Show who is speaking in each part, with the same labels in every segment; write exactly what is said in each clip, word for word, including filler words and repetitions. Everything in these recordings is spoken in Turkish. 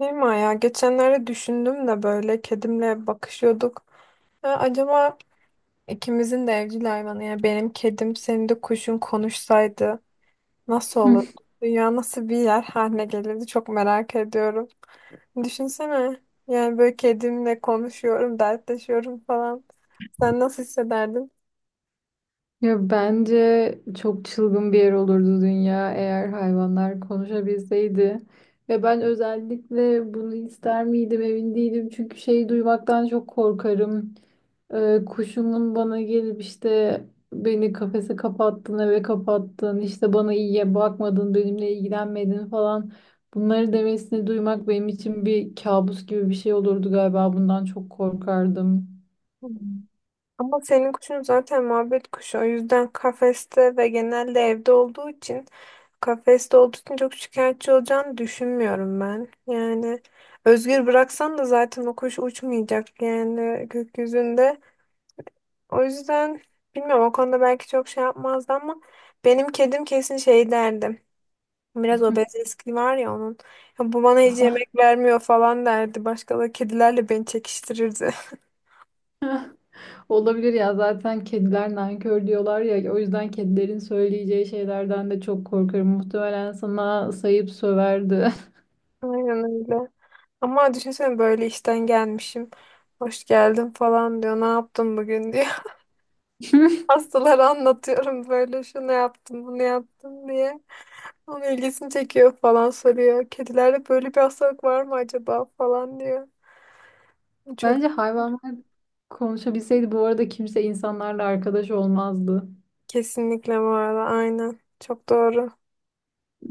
Speaker 1: Değil mi ya? Geçenlerde düşündüm de böyle kedimle bakışıyorduk. Ha, acaba ikimizin de evcil hayvanı, yani benim kedim senin de kuşun konuşsaydı nasıl
Speaker 2: Hı.
Speaker 1: olurdu? Dünya nasıl bir yer haline gelirdi, çok merak ediyorum. Düşünsene, yani böyle kedimle konuşuyorum, dertleşiyorum falan. Sen nasıl hissederdin?
Speaker 2: Ya bence çok çılgın bir yer olurdu dünya eğer hayvanlar konuşabilseydi. Ve ben özellikle bunu ister miydim emin değilim. Çünkü şeyi duymaktan çok korkarım. Ee, kuşumun bana gelip işte beni kafese kapattın, eve kapattın, işte bana iyiye bakmadın, benimle ilgilenmedin falan. Bunları demesini duymak benim için bir kabus gibi bir şey olurdu galiba. Bundan çok korkardım.
Speaker 1: Ama senin kuşun zaten muhabbet kuşu. O yüzden kafeste ve genelde evde olduğu için kafeste olduğu için çok şikayetçi olacağını düşünmüyorum ben. Yani özgür bıraksan da zaten o kuş uçmayacak yani gökyüzünde. O yüzden bilmiyorum, o konuda belki çok şey yapmazdı ama benim kedim kesin şey derdi. Biraz obez eski var ya onun. Ya bu bana hiç yemek vermiyor falan derdi. Başka da kedilerle beni çekiştirirdi.
Speaker 2: Olabilir ya zaten kediler nankör diyorlar ya o yüzden kedilerin söyleyeceği şeylerden de çok korkarım. Muhtemelen sana sayıp söverdi.
Speaker 1: Aynen öyle. Ama düşünsene böyle işten gelmişim. Hoş geldin falan diyor. Ne yaptın bugün diyor. Hastalara anlatıyorum böyle şunu yaptım bunu yaptım diye. Onun ilgisini çekiyor falan, soruyor. Kedilerde böyle bir hastalık var mı acaba falan diyor. Çok
Speaker 2: Bence hayvanlar konuşabilseydi bu arada kimse insanlarla arkadaş olmazdı.
Speaker 1: kesinlikle bu arada, aynen. Çok doğru.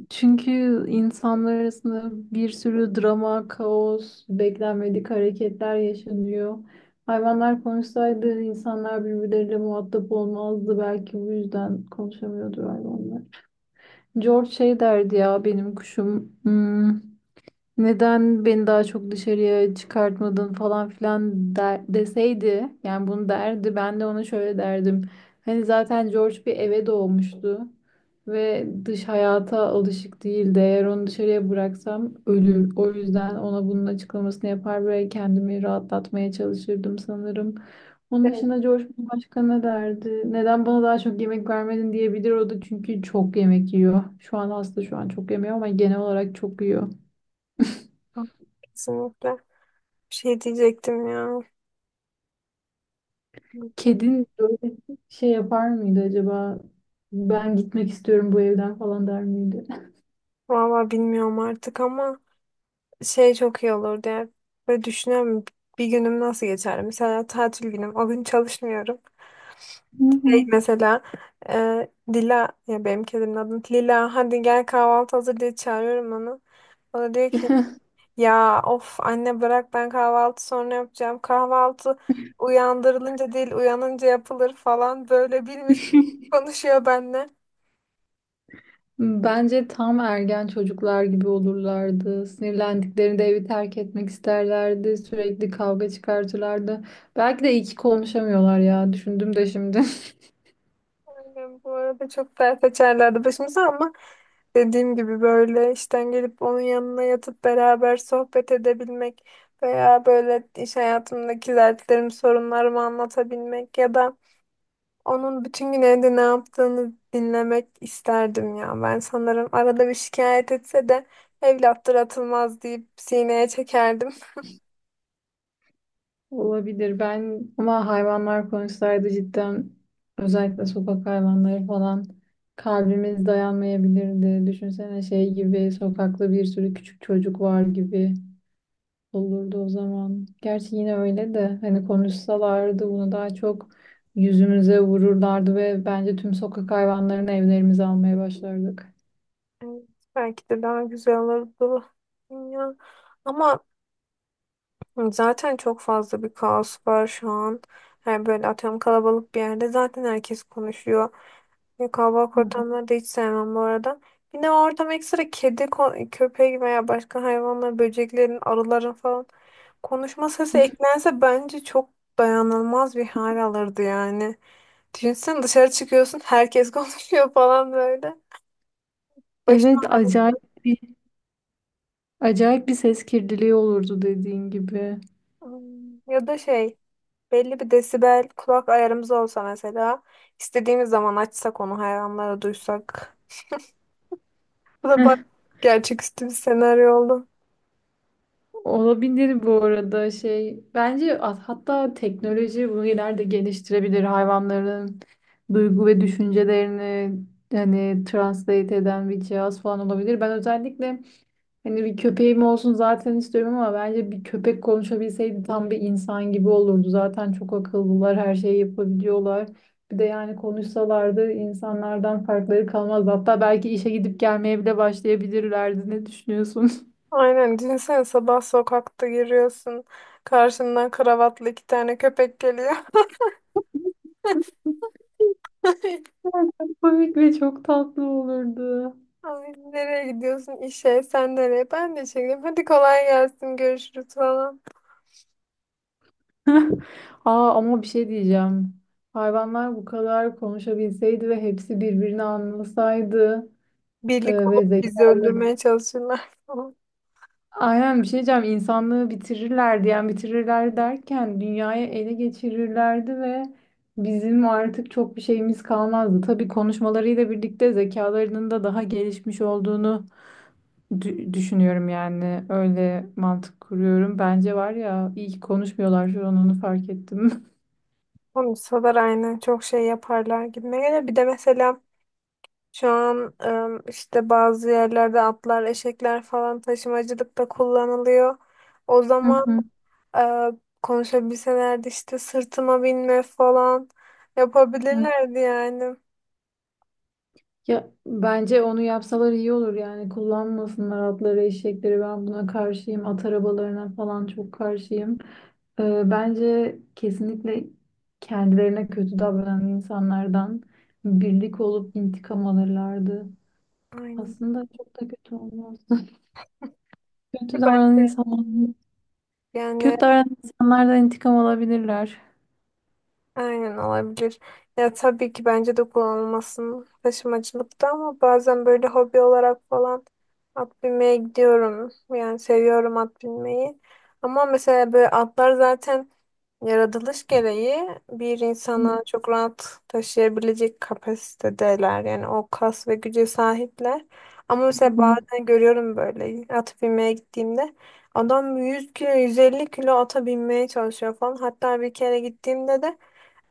Speaker 2: Çünkü insanlar arasında bir sürü drama, kaos, beklenmedik hareketler yaşanıyor. Hayvanlar konuşsaydı insanlar birbirleriyle muhatap olmazdı. Belki bu yüzden konuşamıyordu hayvanlar. George şey derdi ya benim kuşum. Hmm, neden beni daha çok dışarıya çıkartmadın falan filan der, deseydi yani bunu derdi ben de ona şöyle derdim. Hani zaten George bir eve doğmuştu ve dış hayata alışık değildi. Eğer onu dışarıya bıraksam ölür. O yüzden ona bunun açıklamasını yapar ve kendimi rahatlatmaya çalışırdım sanırım. Onun
Speaker 1: Evet.
Speaker 2: dışında George başka ne derdi? Neden bana daha çok yemek vermedin diyebilir o da çünkü çok yemek yiyor. Şu an hasta şu an çok yemiyor ama genel olarak çok yiyor.
Speaker 1: Kesinlikle. Bir şey diyecektim ya. Unuttum.
Speaker 2: Kedin böyle şey yapar mıydı acaba? Ben gitmek istiyorum bu evden falan der miydi?
Speaker 1: Vallahi bilmiyorum artık ama. Şey çok iyi olurdu ya. Böyle düşünüyorum, bir günüm nasıl geçer. Mesela tatil günüm. O gün çalışmıyorum.
Speaker 2: Hı
Speaker 1: Şey
Speaker 2: hı.
Speaker 1: mesela e, Dila, ya benim kedimin adı Lila, hadi gel kahvaltı hazır diye çağırıyorum onu. O da diyor ki ya of anne bırak ben kahvaltı sonra yapacağım. Kahvaltı uyandırılınca değil, uyanınca yapılır falan, böyle bilmiş gibi konuşuyor benimle.
Speaker 2: Bence tam ergen çocuklar gibi olurlardı. Sinirlendiklerinde evi terk etmek isterlerdi. Sürekli kavga çıkartırlardı. Belki de iyi ki konuşamıyorlar ya. Düşündüm de şimdi.
Speaker 1: Aynen, bu arada çok dert açarlardı başımıza ama dediğim gibi böyle işten gelip onun yanına yatıp beraber sohbet edebilmek veya böyle iş hayatımdaki dertlerimi, sorunlarımı anlatabilmek ya da onun bütün gün evde ne yaptığını dinlemek isterdim ya. Ben sanırım arada bir şikayet etse de evlattır atılmaz deyip sineye çekerdim.
Speaker 2: Olabilir. Ben ama hayvanlar konuşsaydı cidden özellikle sokak hayvanları falan kalbimiz dayanmayabilirdi. Düşünsene şey gibi sokakta bir sürü küçük çocuk var gibi olurdu o zaman. Gerçi yine öyle de hani konuşsalardı bunu daha çok yüzümüze vururlardı ve bence tüm sokak hayvanlarını evlerimize almaya başlardık.
Speaker 1: Evet, belki de daha güzel olurdu. Ya. Ama zaten çok fazla bir kaos var şu an. Her böyle atıyorum, kalabalık bir yerde zaten herkes konuşuyor. Ve kalabalık
Speaker 2: Hı hı.
Speaker 1: ortamları da hiç sevmem bu arada. Bir de o ortam ekstra kedi, ko- köpek veya başka hayvanlar, böceklerin, arıların falan konuşma sesi eklense bence çok dayanılmaz bir hal alırdı yani. Düşünsene, dışarı çıkıyorsun, herkes konuşuyor falan böyle. Başım
Speaker 2: Evet,
Speaker 1: ağrıyor.
Speaker 2: acayip bir acayip bir ses kirliliği olurdu dediğin gibi.
Speaker 1: Hmm, ya da şey, belli bir desibel kulak ayarımız olsa mesela, istediğimiz zaman açsak onu, hayvanlara duysak. Bu da bak gerçeküstü bir senaryo oldu.
Speaker 2: Olabilir bu arada şey. Bence at- hatta teknoloji bunu ileride geliştirebilir. Hayvanların duygu ve düşüncelerini hani translate eden bir cihaz falan olabilir. Ben özellikle hani bir köpeğim olsun zaten istiyorum ama bence bir köpek konuşabilseydi tam bir insan gibi olurdu. Zaten çok akıllılar, her şeyi yapabiliyorlar. Bir de yani konuşsalardı insanlardan farkları kalmaz. Hatta belki işe gidip gelmeye bile başlayabilirlerdi. Ne düşünüyorsun?
Speaker 1: Aynen, düşünsene sabah sokakta yürüyorsun, karşından kravatlı iki tane köpek geliyor.
Speaker 2: Ay, Çok komik ve çok tatlı olurdu.
Speaker 1: Ay, nereye gidiyorsun, işe, sen nereye, ben de işe gidiyorum, hadi kolay gelsin, görüşürüz falan.
Speaker 2: Aa, ama bir şey diyeceğim. Hayvanlar bu kadar konuşabilseydi ve hepsi birbirini anlasaydı e,
Speaker 1: Birlik
Speaker 2: ve
Speaker 1: olup bizi
Speaker 2: zekalı.
Speaker 1: öldürmeye çalışırlar falan.
Speaker 2: Aynen bir şey diyeceğim. İnsanlığı bitirirlerdi. Yani bitirirler derken dünyayı ele geçirirlerdi ve bizim artık çok bir şeyimiz kalmazdı. Tabii konuşmalarıyla birlikte zekalarının da daha gelişmiş olduğunu Dü- düşünüyorum yani öyle mantık kuruyorum. Bence var ya iyi ki konuşmuyorlar şu an onu fark ettim.
Speaker 1: Konuşsalar aynen çok şey yaparlar gibi. Bir de mesela şu an em, işte bazı yerlerde atlar, eşekler falan taşımacılıkta kullanılıyor. O
Speaker 2: Hı
Speaker 1: zaman
Speaker 2: hı,
Speaker 1: e, konuşabilselerdi işte sırtıma binme falan
Speaker 2: hı.
Speaker 1: yapabilirlerdi yani.
Speaker 2: Ya bence onu yapsalar iyi olur yani kullanmasınlar atları eşekleri ben buna karşıyım at arabalarına falan çok karşıyım. Ee, bence kesinlikle kendilerine kötü davranan insanlardan birlik olup intikam alırlardı.
Speaker 1: Aynen.
Speaker 2: Aslında çok da kötü olmaz. Kötü
Speaker 1: Ben,
Speaker 2: davranan insanlar,
Speaker 1: yani
Speaker 2: kötü davranan insanlardan intikam alabilirler.
Speaker 1: aynen olabilir. Ya tabii ki bence de kullanılmasın taşımacılıkta ama bazen böyle hobi olarak falan at binmeye gidiyorum. Yani seviyorum at binmeyi. Ama mesela böyle atlar zaten yaratılış gereği bir
Speaker 2: Hı
Speaker 1: insana çok rahat taşıyabilecek kapasitedeler. Yani o kas ve güce sahipler. Ama mesela
Speaker 2: hı.
Speaker 1: bazen görüyorum böyle at binmeye gittiğimde adam yüz kilo yüz elli kilo ata binmeye çalışıyor falan. Hatta bir kere gittiğimde de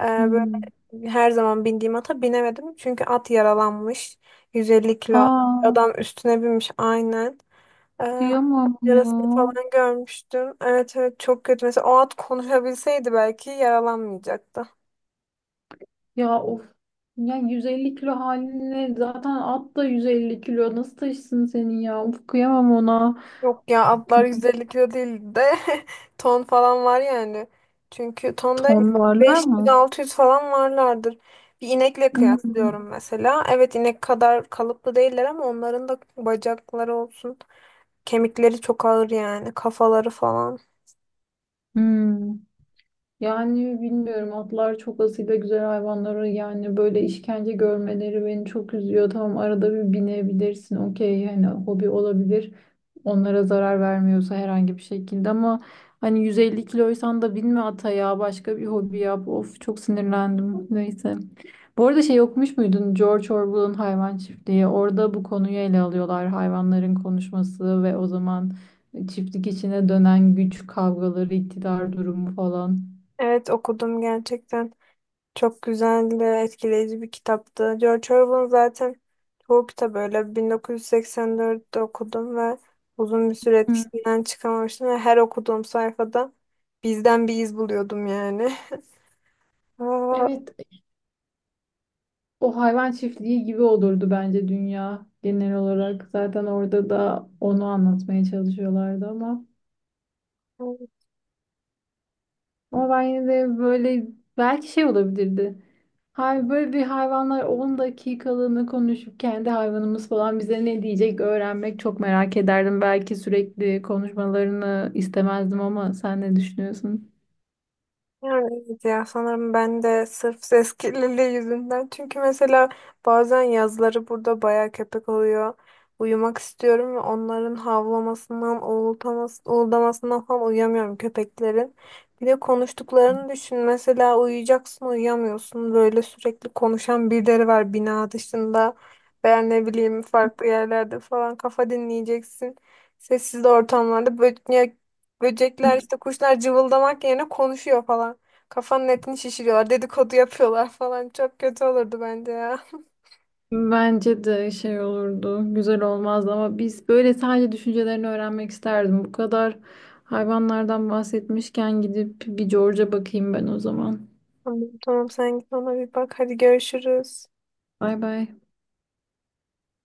Speaker 1: e, böyle
Speaker 2: Hı.
Speaker 1: her zaman bindiğim ata binemedim. Çünkü at yaralanmış. yüz elli kilo
Speaker 2: Aa,
Speaker 1: adam üstüne binmiş aynen. Ee,
Speaker 2: kıyamam ya.
Speaker 1: yarasını falan görmüştüm. Evet evet, çok kötü. Mesela o at konuşabilseydi belki yaralanmayacaktı.
Speaker 2: Ya of. Ya yüz elli kilo haline zaten at da yüz elli kilo. Nasıl taşısın seni ya? Of kıyamam ona.
Speaker 1: Yok ya, atlar yüz elli kilo değil de ton falan var yani. Çünkü tonda
Speaker 2: Ton varlar mı?
Speaker 1: beş yüz altı yüz falan varlardır. Bir inekle
Speaker 2: Hmm,
Speaker 1: kıyaslıyorum mesela. Evet, inek kadar kalıplı değiller ama onların da bacakları olsun. Kemikleri çok ağır, yani kafaları falan.
Speaker 2: hmm. Yani bilmiyorum atlar çok asil ve güzel hayvanları yani böyle işkence görmeleri beni çok üzüyor. Tamam arada bir binebilirsin okey hani hobi olabilir. Onlara zarar vermiyorsa herhangi bir şekilde ama hani yüz elli kiloysan da binme ata ya başka bir hobi yap. Of çok sinirlendim neyse. Bu arada şey okumuş muydun George Orwell'ın Hayvan Çiftliği? Orada bu konuyu ele alıyorlar hayvanların konuşması ve o zaman çiftlik içine dönen güç kavgaları, iktidar durumu falan.
Speaker 1: Evet okudum gerçekten. Çok güzel ve etkileyici bir kitaptı. George Orwell'ın zaten çoğu kitabı öyle. bin dokuz yüz seksen dörtte okudum ve uzun bir süre
Speaker 2: Hı.
Speaker 1: etkisinden çıkamamıştım ve her okuduğum sayfada bizden bir iz buluyordum yani.
Speaker 2: Evet, o hayvan çiftliği gibi olurdu bence dünya genel olarak. Zaten orada da onu anlatmaya çalışıyorlardı ama
Speaker 1: Aa,
Speaker 2: ama ben yine de böyle belki şey olabilirdi. Hay böyle bir hayvanlar on dakikalığını konuşup kendi hayvanımız falan bize ne diyecek öğrenmek çok merak ederdim. Belki sürekli konuşmalarını istemezdim ama sen ne düşünüyorsun?
Speaker 1: yani evet ya, sanırım ben de sırf ses kirliliği yüzünden. Çünkü mesela bazen yazları burada bayağı köpek oluyor. Uyumak istiyorum ve onların havlamasından, uğultamas uğuldamasından falan uyuyamıyorum köpeklerin. Bir de konuştuklarını düşün. Mesela uyuyacaksın, uyuyamıyorsun. Böyle sürekli konuşan birileri var bina dışında. Veya ne bileyim farklı yerlerde falan kafa dinleyeceksin. Sessiz ortamlarda böyle böcekler, işte kuşlar cıvıldamak yerine konuşuyor falan. Kafanın etini şişiriyorlar. Dedikodu yapıyorlar falan. Çok kötü olurdu bence ya.
Speaker 2: Bence de şey olurdu, güzel olmazdı ama biz böyle sadece düşüncelerini öğrenmek isterdim. Bu kadar hayvanlardan bahsetmişken gidip bir George'a bakayım ben o zaman.
Speaker 1: Tamam, tamam, sen git ona bir bak. Hadi görüşürüz.
Speaker 2: Bay bay.